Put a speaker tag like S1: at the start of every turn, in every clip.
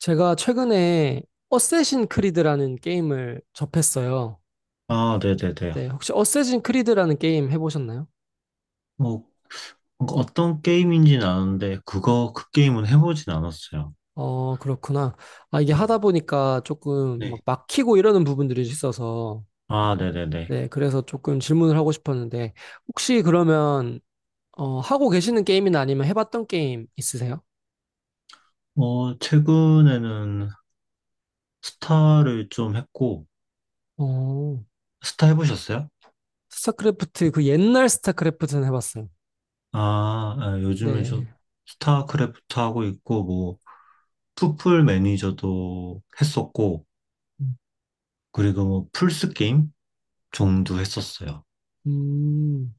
S1: 제가 최근에 어쌔신 크리드라는 게임을 접했어요.
S2: 아, 네네네.
S1: 네, 혹시 어쌔신 크리드라는 게임 해보셨나요?
S2: 뭐, 어떤 게임인지는 아는데, 그 게임은 해보진 않았어요.
S1: 어, 그렇구나. 아, 이게 하다
S2: 음,
S1: 보니까 조금 막
S2: 네.
S1: 막히고 이러는 부분들이 있어서,
S2: 아, 네네네.
S1: 네, 그래서 조금 질문을 하고 싶었는데, 혹시 그러면, 하고 계시는 게임이나 아니면 해봤던 게임 있으세요?
S2: 어, 최근에는 스타를 좀 했고,
S1: 어,
S2: 스타 해보셨어요?
S1: 스타크래프트, 그 옛날 스타크래프트는 해봤어요.
S2: 요즘에 좀
S1: 네.
S2: 스타크래프트 하고 있고, 뭐, 풋풀 매니저도 했었고,
S1: 음,
S2: 그리고 뭐, 플스 게임 정도 했었어요.
S1: 음,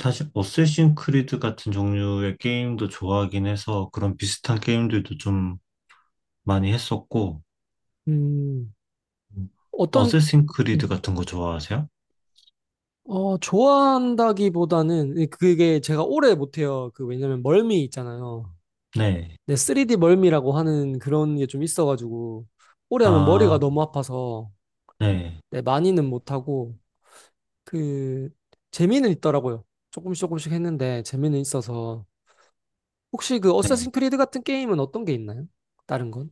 S2: 사실, 어쌔신 크리드 같은 종류의 게임도 좋아하긴 해서, 그런 비슷한 게임들도 좀 많이 했었고,
S1: 음. 어떤,
S2: 어쌔신 크리드
S1: 음,
S2: 같은 거 좋아하세요?
S1: 좋아한다기보다는 그게 제가 오래 못해요. 그 왜냐면 멀미 있잖아요.
S2: 네.
S1: 네, 3D 멀미라고 하는 그런 게 좀 있어가지고 오래 하면
S2: 아,
S1: 머리가 너무 아파서
S2: 네.
S1: 네, 많이는 못하고 그 재미는 있더라고요. 조금씩 조금씩 했는데 재미는 있어서 혹시 그 어쌔신
S2: 네.
S1: 크리드 같은 게임은 어떤 게 있나요? 다른 건?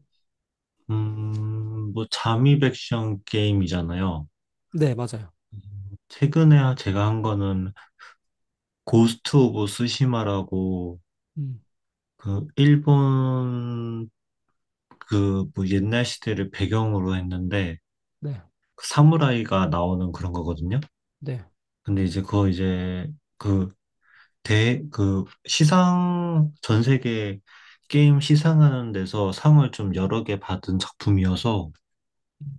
S2: 뭐, 잠입 액션 게임이잖아요.
S1: 네, 맞아요.
S2: 음, 최근에 제가 한 거는 고스트 오브 스시마라고
S1: 음,
S2: 그 일본 그 뭐 옛날 시대를 배경으로 했는데
S1: 네,
S2: 그 사무라이가 나오는 그런 거거든요.
S1: 네.
S2: 근데 이제 그거 이제 그 시상, 전 세계 게임 시상하는 데서 상을 좀 여러 개 받은 작품이어서
S1: 음,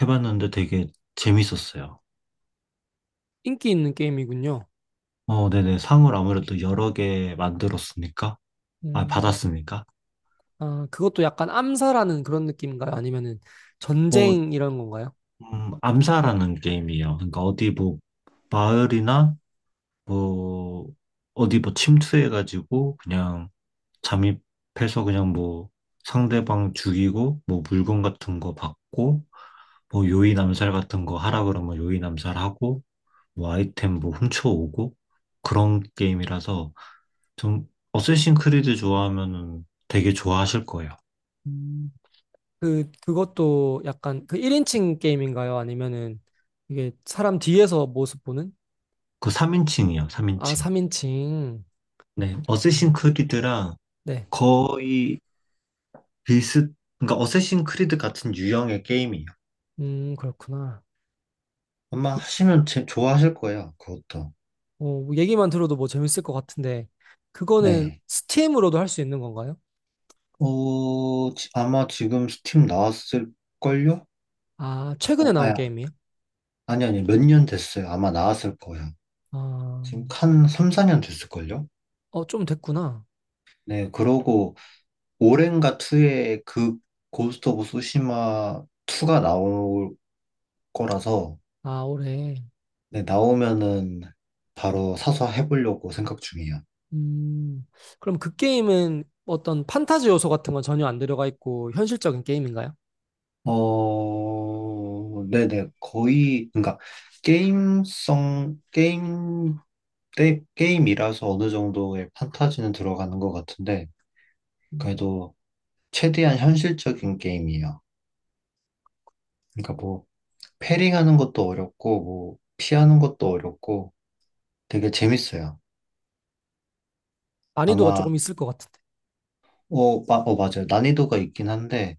S2: 해봤는데 되게 재밌었어요.
S1: 인기 있는 게임이군요.
S2: 어, 네네. 상을 아무래도 여러 개 만들었으니까, 아,
S1: 음,
S2: 받았으니까.
S1: 그것도 약간 암살하는 그런 느낌인가요? 아니면은
S2: 뭐,
S1: 전쟁 이런 건가요?
S2: 암사라는 게임이에요. 그러니까 어디 뭐, 마을이나 뭐, 어디 뭐 침투해가지고 그냥 잠입해서 그냥 뭐, 상대방 죽이고, 뭐 물건 같은 거 받고, 뭐 요인 암살 같은 거 하라 그러면 요인 암살하고 뭐 아이템 뭐 훔쳐오고 그런 게임이라서 좀 어쌔신 크리드 좋아하면은 되게 좋아하실 거예요.
S1: 음. 그것도 약간 그 1인칭 게임인가요? 아니면은 이게 사람 뒤에서 모습 보는?
S2: 그 3인칭이요,
S1: 아,
S2: 3인칭.
S1: 3인칭.
S2: 네, 어쌔신
S1: 아,
S2: 크리드랑
S1: 네.
S2: 거의 비슷, 그러니까 어쌔신 크리드 같은 유형의 게임이에요.
S1: 그렇구나.
S2: 아마
S1: 그,
S2: 하시면 좋아하실 거예요, 그것도.
S1: 뭐 얘기만 들어도 뭐 재밌을 것 같은데, 그거는
S2: 네.
S1: 스팀으로도 할 수 있는 건가요?
S2: 어, 아마 지금 스팀 나왔을걸요?
S1: 아, 최근에
S2: 어,
S1: 나온
S2: 아,
S1: 게임이에요?
S2: 아니, 몇 년 됐어요. 아마 나왔을 거예요. 지금
S1: 아,
S2: 한 3, 4년 됐을걸요?
S1: 좀 됐구나.
S2: 네, 그러고 오렌가 2에 그 고스트 오브 소시마 2가 나올 거라서
S1: 아, 올해.
S2: 네, 나오면은 바로 사서 해보려고 생각 중이에요.
S1: 음, 그럼 그 게임은 어떤 판타지 요소 같은 건 전혀 안 들어가 있고 현실적인 게임인가요?
S2: 어, 네네, 거의, 그러니까 게임성, 게임, 때 게임이라서 어느 정도의 판타지는 들어가는 것 같은데
S1: 음,
S2: 그래도 최대한 현실적인 게임이에요. 그러니까 뭐, 패링하는 것도 어렵고, 뭐, 피하는 것도 어렵고, 되게 재밌어요.
S1: 난이도가
S2: 아마,
S1: 조금 있을 것 같은데.
S2: 맞아요. 난이도가 있긴 한데,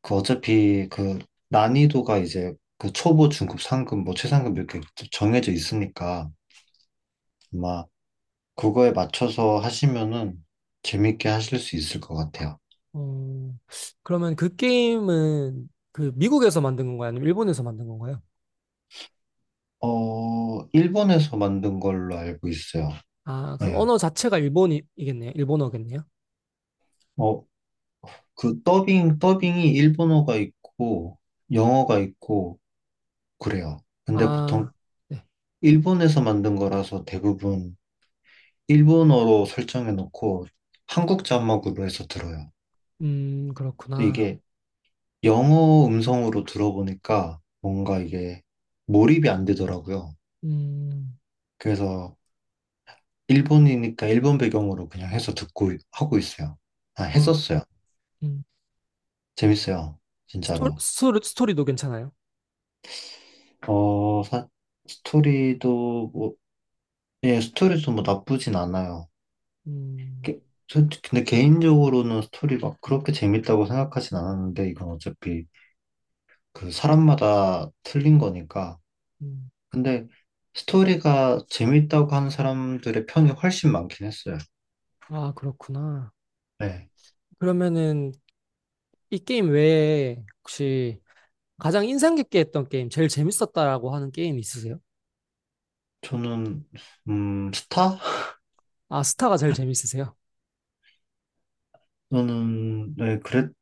S2: 그 어차피 그 난이도가 이제 그 초보, 중급, 상급, 뭐 최상급 이렇게 정해져 있으니까, 아마 그거에 맞춰서 하시면은 재밌게 하실 수 있을 것 같아요.
S1: 어, 그러면 그 게임은 그 미국에서 만든 건가요? 아니면 일본에서 만든 건가요?
S2: 어, 일본에서 만든 걸로 알고 있어요.
S1: 아, 그럼
S2: 네.
S1: 언어 자체가 일본이겠네요. 일본어겠네요.
S2: 어, 그 더빙이 일본어가 있고, 영어가 있고, 그래요. 근데 보통
S1: 아, 네.
S2: 일본에서 만든 거라서 대부분 일본어로 설정해 놓고 한국 자막으로 해서 들어요. 또
S1: 그렇구나.
S2: 이게 영어 음성으로 들어보니까 뭔가 이게 몰입이 안 되더라고요.
S1: 음,
S2: 그래서 일본이니까 일본 배경으로 그냥 해서 하고 있어요. 아,
S1: 아,
S2: 했었어요.
S1: 음.
S2: 재밌어요. 진짜로.
S1: 스토리도 괜찮아요?
S2: 어, 스토리도 뭐, 예, 스토리도 뭐 나쁘진 않아요.
S1: 음,
S2: 게- 근데 개인적으로는 스토리 막 그렇게 재밌다고 생각하진 않았는데, 이건 어차피 그 사람마다 틀린 거니까.
S1: 음.
S2: 근데 스토리가 재밌다고 하는 사람들의 편이 훨씬 많긴 했어요.
S1: 아, 그렇구나.
S2: 네.
S1: 그러면은 이 게임 외에 혹시 가장 인상 깊게 했던 게임, 제일 재밌었다라고 하는 게임 있으세요?
S2: 저는, 스타?
S1: 아, 스타가 제일 재밌으세요?
S2: 저는, 네, 그랬던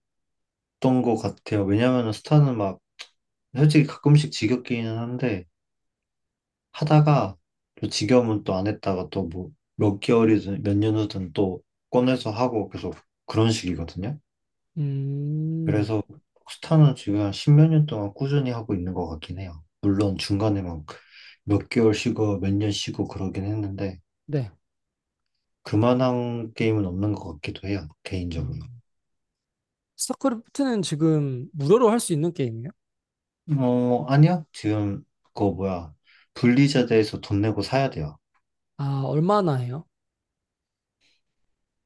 S2: 것 같아요. 왜냐면은 스타는 막, 솔직히 가끔씩 지겹기는 한데, 하다가 또 지겨우면 또 안 했다가 또 뭐, 몇 개월이든 몇 년 후든 또 꺼내서 하고 계속 그런 식이거든요.
S1: 음,
S2: 그래서 스타는 지금 한 십몇 년 동안 꾸준히 하고 있는 것 같긴 해요. 물론 중간에 막 몇 개월 쉬고 몇 년 쉬고 그러긴 했는데
S1: 네.
S2: 그만한 게임은 없는 것 같기도 해요,
S1: 어,
S2: 개인적으로.
S1: 스타크래프트는 지금 무료로 할 수 있는 게임이에요?
S2: 어, 아니요. 지금 그거 뭐야. 블리자드에서 돈 내고 사야 돼요.
S1: 아, 얼마나 해요?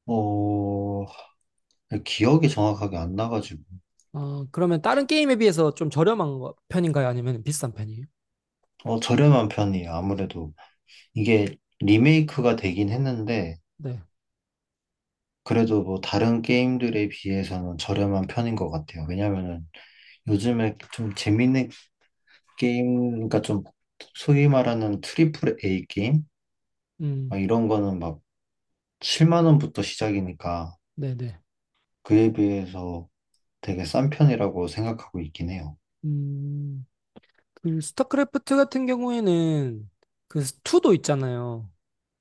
S2: 어, 기억이 정확하게 안 나가지고.
S1: 그러면 다른 게임에 비해서 좀 저렴한 편인가요? 아니면 비싼 편이에요?
S2: 어, 저렴한 편이에요. 아무래도 이게 리메이크가 되긴 했는데
S1: 네.
S2: 그래도 뭐 다른 게임들에 비해서는 저렴한 편인 것 같아요. 왜냐면은 요즘에 좀 재밌는 그러니까 좀 소위 말하는 트리플 A 게임?
S1: 음,
S2: 막 이런 거는 막 7만 원부터 시작이니까
S1: 네네.
S2: 그에 비해서 되게 싼 편이라고 생각하고 있긴 해요.
S1: 음, 그 스타크래프트 같은 경우에는 그 2도 있잖아요.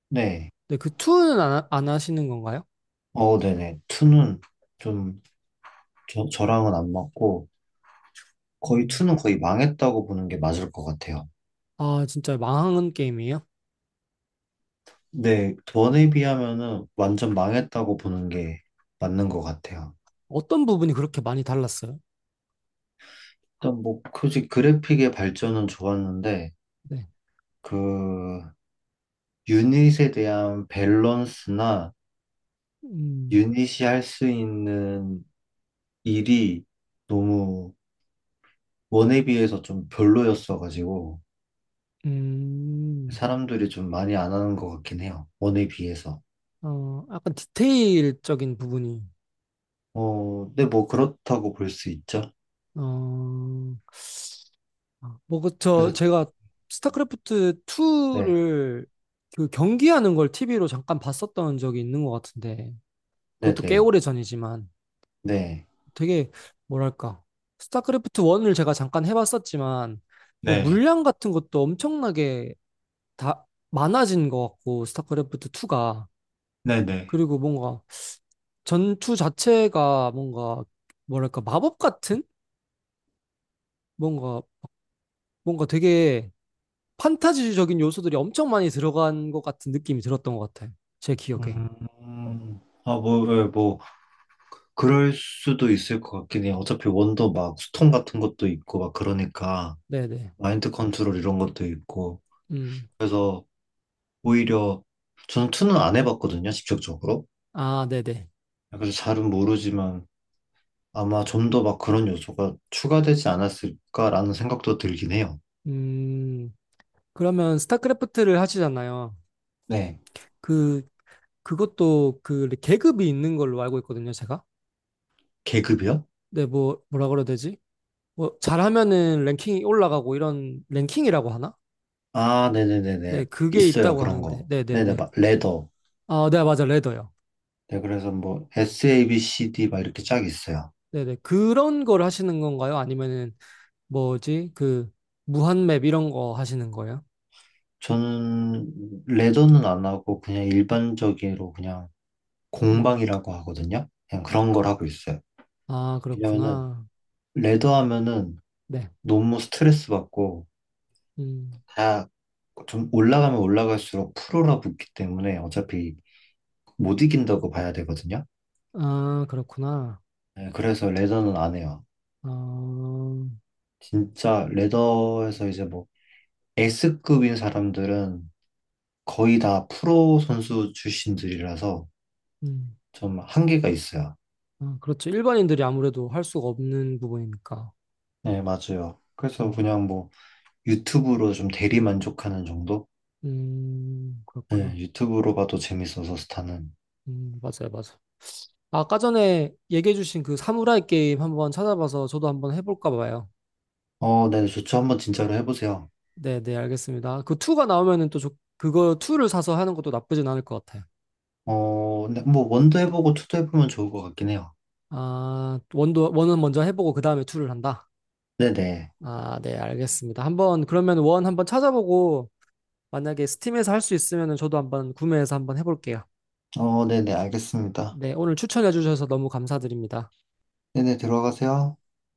S2: 네.
S1: 네, 그 2는 안 하시는 건가요?
S2: 어, 네네. 2는 좀 저랑은 안 맞고 거의
S1: 음.
S2: 2는 거의 망했다고 보는 게 맞을 것 같아요.
S1: 아, 진짜 망한 게임이에요?
S2: 네. 1에 비하면은 완전 망했다고 보는 게 맞는 것 같아요.
S1: 어떤 부분이 그렇게 많이 달랐어요?
S2: 일단 뭐, 굳이 그래픽의 발전은 좋았는데
S1: 네.
S2: 그 유닛에 대한 밸런스나
S1: 음,
S2: 유닛이 할 수 있는 일이 너무 원에 비해서 좀 별로였어가지고
S1: 음,
S2: 사람들이 좀 많이 안 하는 것 같긴 해요. 원에 비해서.
S1: 약간 디테일적인 부분이,
S2: 어, 근데 뭐 그렇다고 볼 수 있죠.
S1: 어, 뭐, 그, 저,
S2: 그래서
S1: 제가 스타크래프트
S2: 네,
S1: 2를 그 경기하는 걸 TV로 잠깐 봤었던 적이 있는 것 같은데,
S2: 네,
S1: 그것도 꽤
S2: 네,
S1: 오래 전이지만,
S2: 네,
S1: 되게, 뭐랄까, 스타크래프트 1을 제가 잠깐 해봤었지만, 뭐,
S2: 네,
S1: 물량 같은 것도 엄청나게 다 많아진 것 같고, 스타크래프트 2가.
S2: 네, 네.
S1: 그리고 뭔가, 전투 자체가 뭔가 뭐랄까 마법 같은 뭔가 뭔가 되게 판타지적인 요소들이 엄청 많이 들어간 것 같은 느낌이 들었던 것 같아요. 제 기억에.
S2: 아, 뭐, 예, 뭐, 그럴 수도 있을 것 같긴 해요. 어차피 원도 막 수통 같은 것도 있고, 막 그러니까,
S1: 네네.
S2: 마인드 컨트롤 이런 것도 있고.
S1: 음.
S2: 그래서 오히려 저는 투는 안 해봤거든요, 직접적으로.
S1: 아, 네네.
S2: 그래서 잘은 모르지만 아마 좀 더 막 그런 요소가 추가되지 않았을까라는 생각도 들긴 해요.
S1: 음. 그러면 스타크래프트를 하시잖아요.
S2: 네.
S1: 그 그것도 그 계급이 있는 걸로 알고 있거든요, 제가.
S2: 계급이요?
S1: 네, 뭐 뭐라 그래야 되지? 뭐 잘하면은 랭킹이 올라가고 이런 랭킹이라고 하나?
S2: 아,
S1: 네,
S2: 네네네네.
S1: 그게
S2: 있어요,
S1: 있다고
S2: 그런
S1: 하는데.
S2: 거. 네네,
S1: 네네네.
S2: 막, 레더.
S1: 아, 네, 맞아. 레더요.
S2: 네, 그래서 뭐, S, A, B, C, D 막 이렇게 쫙 있어요.
S1: 네네. 그런 걸 하시는 건가요? 아니면은 뭐지? 그 무한맵 이런 거 하시는 거예요?
S2: 저는 레더는 안 하고 그냥 일반적으로 그냥
S1: 음.
S2: 공방이라고 하거든요. 그냥
S1: 아,
S2: 그런 걸 하고 있어요.
S1: 아,
S2: 왜냐면은,
S1: 그렇구나.
S2: 레더 하면은
S1: 네.
S2: 너무 스트레스 받고
S1: 음.
S2: 다 좀 올라가면 올라갈수록 프로라 붙기 때문에 어차피 못 이긴다고 봐야 되거든요.
S1: 아, 그렇구나.
S2: 네, 그래서 레더는 안 해요.
S1: 어,
S2: 진짜 레더에서 이제 뭐 S급인 사람들은 거의 다 프로 선수 출신들이라서
S1: 음.
S2: 좀 한계가 있어요.
S1: 아, 그렇죠. 일반인들이 아무래도 할 수가 없는 부분이니까.
S2: 네, 맞아요.
S1: 어,
S2: 그래서 그냥 뭐 유튜브로 좀 대리 만족하는 정도? 네,
S1: 그렇구나.
S2: 유튜브로 봐도 재밌어서 스타는.
S1: 맞아요, 맞아요. 아까 전에 얘기해주신 그 사무라이 게임 한번 찾아봐서 저도 한번 해볼까 봐요.
S2: 어, 네, 좋죠. 한번 진짜로 해보세요.
S1: 네, 네, 알겠습니다. 그 2가 나오면은 또 그거 2를 사서 하는 것도 나쁘진 않을 것 같아요.
S2: 어, 근데 뭐 원도 해보고 투도 해보면 좋을 것 같긴 해요.
S1: 아, 원은 먼저 해보고 그 다음에 투를 한다.
S2: 네네.
S1: 아, 네, 알겠습니다. 한번, 그러면 원 한번 찾아보고 만약에 스팀에서 할 수 있으면 저도 한번 구매해서 한번 해볼게요.
S2: 어, 네네, 알겠습니다.
S1: 네, 오늘 추천해 주셔서 너무 감사드립니다.
S2: 네네, 들어가세요.